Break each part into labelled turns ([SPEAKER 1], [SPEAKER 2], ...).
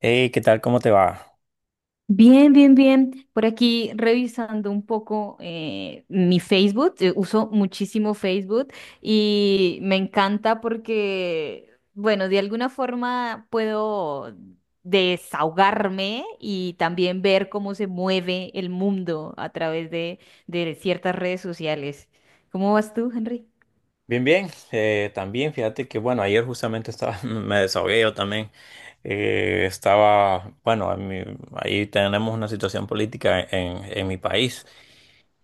[SPEAKER 1] Hey, ¿qué tal? ¿Cómo te va?
[SPEAKER 2] Bien, bien, bien. Por aquí revisando un poco mi Facebook. Uso muchísimo Facebook y me encanta porque, bueno, de alguna forma puedo desahogarme y también ver cómo se mueve el mundo a través de ciertas redes sociales. ¿Cómo vas tú, Henry?
[SPEAKER 1] Bien, bien. También, fíjate que, bueno, ayer justamente me desahogué yo también. Estaba, bueno, a mí- Ahí tenemos una situación política en mi país.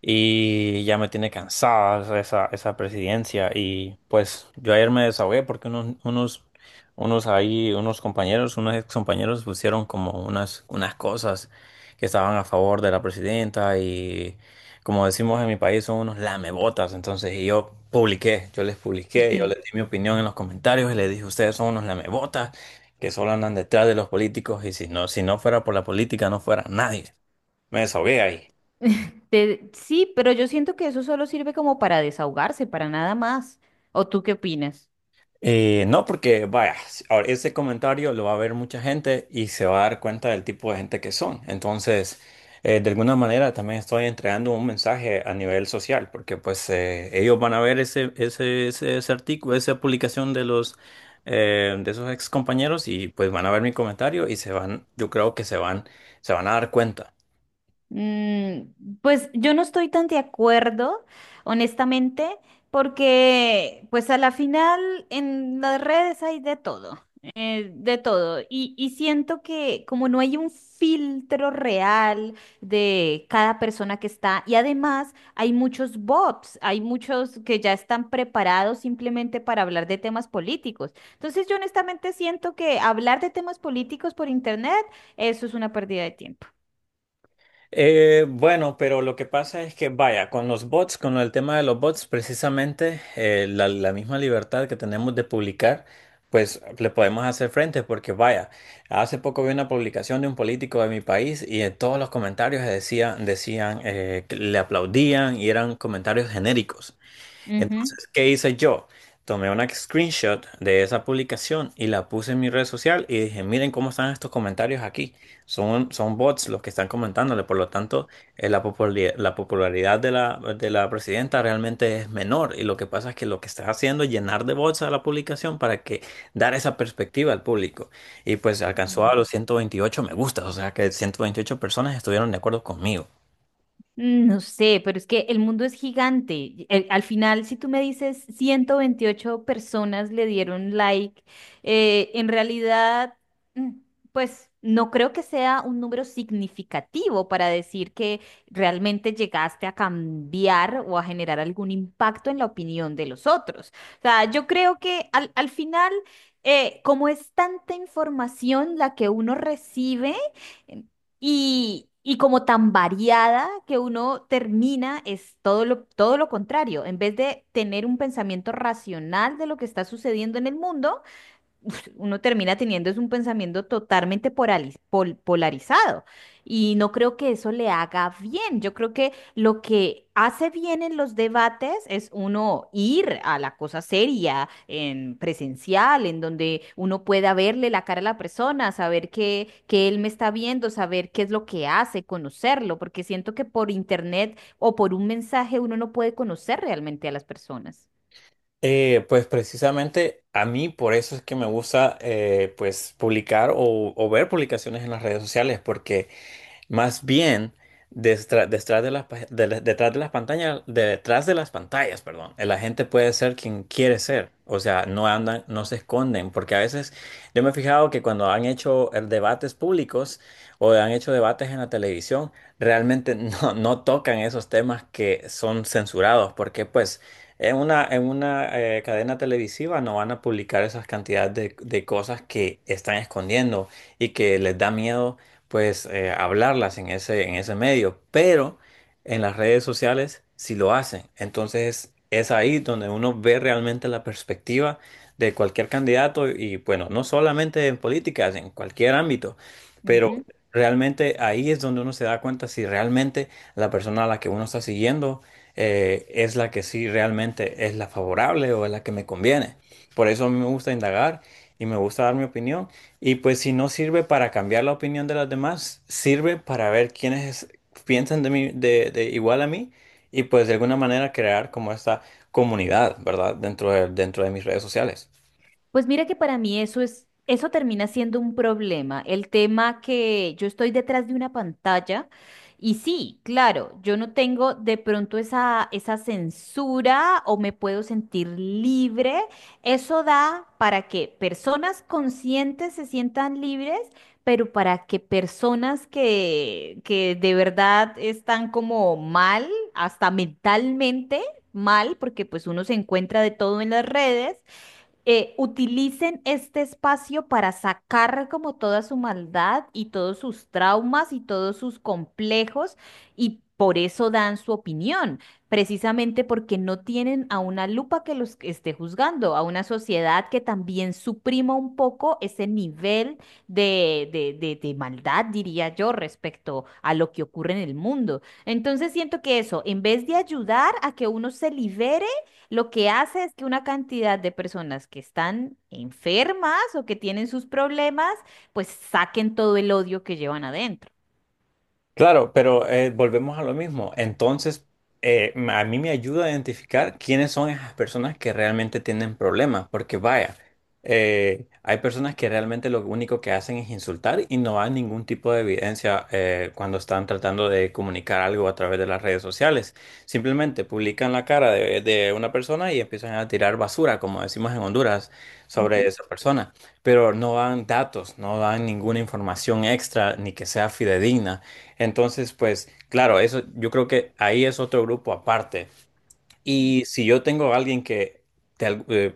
[SPEAKER 1] Y ya me tiene cansada esa presidencia. Y pues yo ayer me desahogué porque unos ex compañeros pusieron como unas cosas que estaban a favor de la presidenta y como decimos en mi país son unos lamebotas. Entonces yo publiqué, yo
[SPEAKER 2] Ujú.
[SPEAKER 1] les di mi opinión en los comentarios y les dije, ustedes son unos lamebotas que solo andan detrás de los políticos y si no, si no fuera por la política no fuera nadie. Me desahogué ahí.
[SPEAKER 2] Sí, pero yo siento que eso solo sirve como para desahogarse, para nada más. ¿O tú qué opinas?
[SPEAKER 1] No, porque vaya, ahora ese comentario lo va a ver mucha gente y se va a dar cuenta del tipo de gente que son. Entonces, de alguna manera también estoy entregando un mensaje a nivel social, porque pues ellos van a ver ese artículo, esa publicación de los de esos ex compañeros y pues van a ver mi comentario y se yo creo que se se van a dar cuenta.
[SPEAKER 2] Mm, pues yo no estoy tan de acuerdo, honestamente, porque pues a la final en las redes hay de todo, de todo. Y siento que como no hay un filtro real de cada persona que está, y además hay muchos bots, hay muchos que ya están preparados simplemente para hablar de temas políticos. Entonces yo honestamente siento que hablar de temas políticos por internet, eso es una pérdida de tiempo.
[SPEAKER 1] Bueno, pero lo que pasa es que, vaya, con los bots, con el tema de los bots, precisamente la misma libertad que tenemos de publicar, pues le podemos hacer frente, porque vaya, hace poco vi una publicación de un político de mi país y en todos los comentarios decían que le aplaudían y eran comentarios genéricos. Entonces, ¿qué hice yo? Tomé una screenshot de esa publicación y la puse en mi red social y dije, miren cómo están estos comentarios aquí. Son bots los que están comentándole, por lo tanto, la popularidad de de la presidenta realmente es menor y lo que pasa es que lo que estás haciendo es llenar de bots a la publicación para que dar esa perspectiva al público. Y pues alcanzó a los
[SPEAKER 2] Mm,
[SPEAKER 1] 128 me gustas, o sea que 128 personas estuvieron de acuerdo conmigo.
[SPEAKER 2] no sé, pero es que el mundo es gigante. Y, al final, si tú me dices 128 personas le dieron like, en realidad, mm, pues no creo que sea un número significativo para decir que realmente llegaste a cambiar o a generar algún impacto en la opinión de los otros. O sea, yo creo que al final, como es tanta información la que uno recibe, y como tan variada que uno termina es todo lo contrario. En vez de tener un pensamiento racional de lo que está sucediendo en el mundo, uf, uno termina teniendo es un pensamiento totalmente polarizado y no creo que eso le haga bien. Yo creo que lo que hace bien en los debates es uno ir a la cosa seria, en presencial, en donde uno pueda verle la cara a la persona, saber que él me está viendo, saber qué es lo que hace, conocerlo, porque siento que por internet o por un mensaje uno no puede conocer realmente a las personas.
[SPEAKER 1] Pues precisamente a mí por eso es que me gusta pues publicar o ver publicaciones en las redes sociales porque más bien, detrás de las pantallas, detrás de las pantallas, perdón, la gente puede ser quien quiere ser. O sea, no andan, no se esconden, porque a veces yo me he fijado que cuando han hecho debates públicos o han hecho debates en la televisión, realmente no tocan esos temas que son censurados, porque pues en en una cadena televisiva no van a publicar esas cantidades de cosas que están escondiendo y que les da miedo pues hablarlas en en ese medio, pero en las redes sociales sí lo hacen. Entonces es ahí donde uno ve realmente la perspectiva de cualquier candidato y bueno, no solamente en políticas, en cualquier ámbito, pero realmente ahí es donde uno se da cuenta si realmente la persona a la que uno está siguiendo es la que sí realmente es la favorable o es la que me conviene. Por eso a mí me gusta indagar y me gusta dar mi opinión. Y pues si no sirve para cambiar la opinión de los demás, sirve para ver quiénes piensan de mí, de igual a mí y pues de alguna manera crear como esta comunidad, ¿verdad? Dentro dentro de mis redes sociales.
[SPEAKER 2] Pues mira que para mí eso es, eso termina siendo un problema. El tema que yo estoy detrás de una pantalla y sí, claro, yo no tengo de pronto esa censura o me puedo sentir libre. Eso da para que personas conscientes se sientan libres, pero para que personas que de verdad están como mal, hasta mentalmente mal, porque pues uno se encuentra de todo en las redes utilicen este espacio para sacar como toda su maldad y todos sus traumas y todos sus complejos y por eso dan su opinión, precisamente porque no tienen a una lupa que los esté juzgando, a una sociedad que también suprima un poco ese nivel de maldad, diría yo, respecto a lo que ocurre en el mundo. Entonces siento que eso, en vez de ayudar a que uno se libere, lo que hace es que una cantidad de personas que están enfermas o que tienen sus problemas, pues saquen todo el odio que llevan adentro.
[SPEAKER 1] Claro, pero volvemos a lo mismo. Entonces, a mí me ayuda a identificar quiénes son esas personas que realmente tienen problemas, porque vaya, hay personas que realmente lo único que hacen es insultar y no hay ningún tipo de evidencia cuando están tratando de comunicar algo a través de las redes sociales. Simplemente publican la cara de una persona y empiezan a tirar basura, como decimos en Honduras, sobre
[SPEAKER 2] Ujú,
[SPEAKER 1] esa persona, pero no dan datos, no dan ninguna información extra ni que sea fidedigna. Entonces, pues, claro, eso yo creo que ahí es otro grupo aparte. Y si yo tengo a alguien que de, al- eh,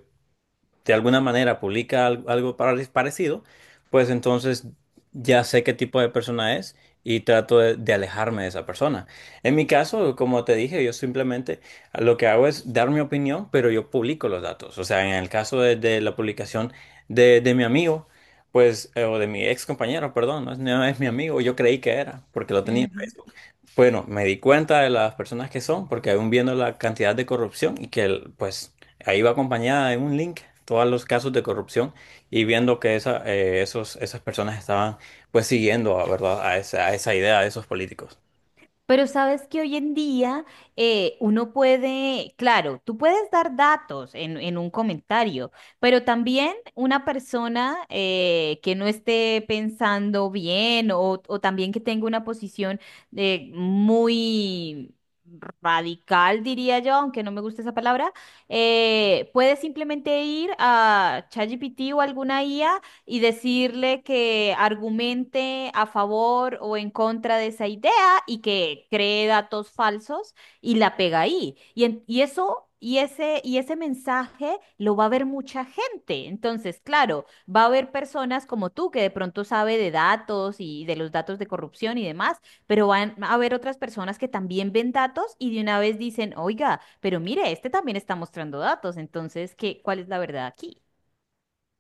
[SPEAKER 1] de alguna manera algo, parecido, pues entonces ya sé qué tipo de persona es y trato de alejarme de esa persona. En mi caso, como te dije, yo simplemente lo que hago es dar mi opinión, pero yo publico los datos. O sea, en el caso de la publicación de mi amigo, pues, o de mi ex compañero, perdón, no es mi amigo, yo creí que era, porque lo tenía en
[SPEAKER 2] ujú.
[SPEAKER 1] Facebook. Bueno, me di cuenta de las personas que son, porque aún viendo la cantidad de corrupción y que pues ahí va acompañada de un link todos los casos de corrupción y viendo que esas personas estaban pues siguiendo, ¿verdad? A a esa idea de esos políticos.
[SPEAKER 2] Pero sabes que hoy en día uno puede, claro, tú puedes dar datos en un comentario, pero también una persona que no esté pensando bien o también que tenga una posición de muy radical, diría yo, aunque no me gusta esa palabra, puede simplemente ir a ChatGPT o alguna IA y decirle que argumente a favor o en contra de esa idea y que cree datos falsos y la pega ahí. Y ese mensaje lo va a ver mucha gente. Entonces, claro, va a haber personas como tú que de pronto sabe de datos y de los datos de corrupción y demás, pero van a haber otras personas que también ven datos y de una vez dicen, oiga, pero mire, este también está mostrando datos, entonces, ¿qué, cuál es la verdad aquí?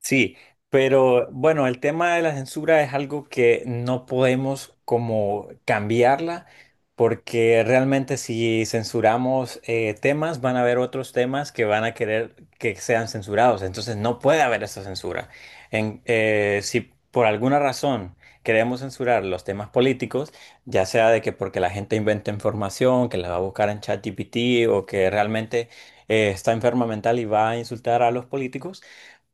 [SPEAKER 1] Sí, pero bueno, el tema de la censura es algo que no podemos como cambiarla, porque realmente si censuramos temas, van a haber otros temas que van a querer que sean censurados. Entonces no puede haber esa censura. Si por alguna razón queremos censurar los temas políticos, ya sea de que porque la gente inventa información, que la va a buscar en ChatGPT o que realmente está enferma mental y va a insultar a los políticos,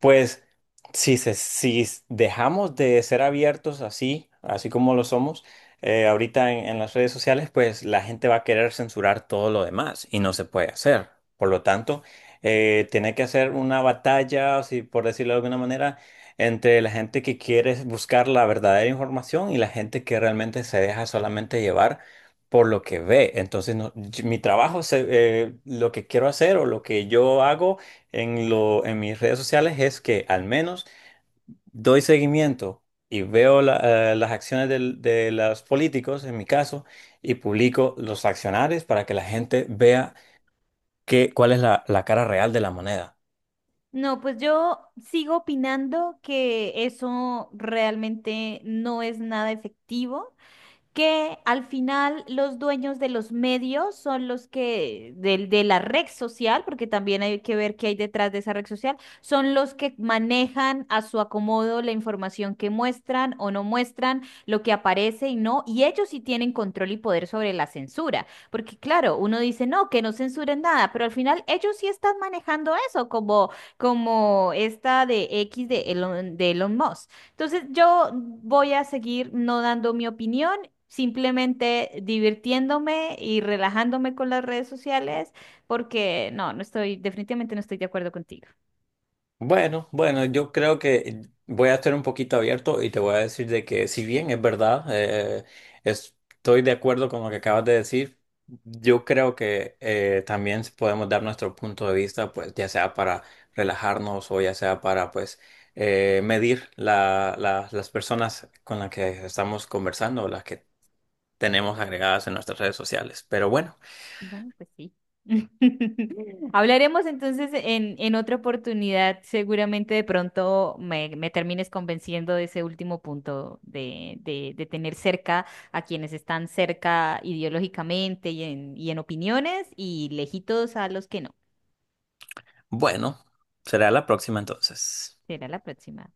[SPEAKER 1] pues si, se- si s- dejamos de ser abiertos así, así como lo somos, ahorita en las redes sociales, pues la gente va a querer censurar todo lo demás y no se puede hacer. Por lo tanto, tiene que hacer una batalla, si, por decirlo de alguna manera, entre la gente que quiere buscar la verdadera información y la gente que realmente se deja solamente llevar por lo que ve. Entonces, mi trabajo, lo que quiero hacer o lo que yo hago en en mis redes sociales es que al menos doy seguimiento y veo las acciones de los políticos, en mi caso, y publico los accionarios para que la gente vea cuál es la cara real de la moneda.
[SPEAKER 2] No, pues yo sigo opinando que eso realmente no es nada efectivo, que al final los dueños de los medios son los que, del de la red social, porque también hay que ver qué hay detrás de esa red social, son los que manejan a su acomodo la información que muestran o no muestran, lo que aparece y no, y ellos sí tienen control y poder sobre la censura, porque claro, uno dice, no, que no censuren nada, pero al final ellos sí están manejando eso, como esta de X de Elon Musk. Entonces yo voy a seguir no dando mi opinión, simplemente divirtiéndome y relajándome con las redes sociales, porque no, no estoy, definitivamente no estoy de acuerdo contigo.
[SPEAKER 1] Bueno, bueno, yo creo que voy a estar un poquito abierto y te voy a decir de que si bien es verdad, estoy de acuerdo con lo que acabas de decir, yo creo que también podemos dar nuestro punto de vista, pues ya sea para relajarnos o ya sea para pues las personas con las que estamos conversando o las que tenemos agregadas en nuestras redes sociales. Pero bueno,
[SPEAKER 2] Bueno, pues sí. Hablaremos entonces en otra oportunidad. Seguramente de pronto me termines convenciendo de ese último punto de tener cerca a quienes están cerca ideológicamente y en opiniones y lejitos a los que no.
[SPEAKER 1] bueno, será la próxima entonces.
[SPEAKER 2] Será la próxima.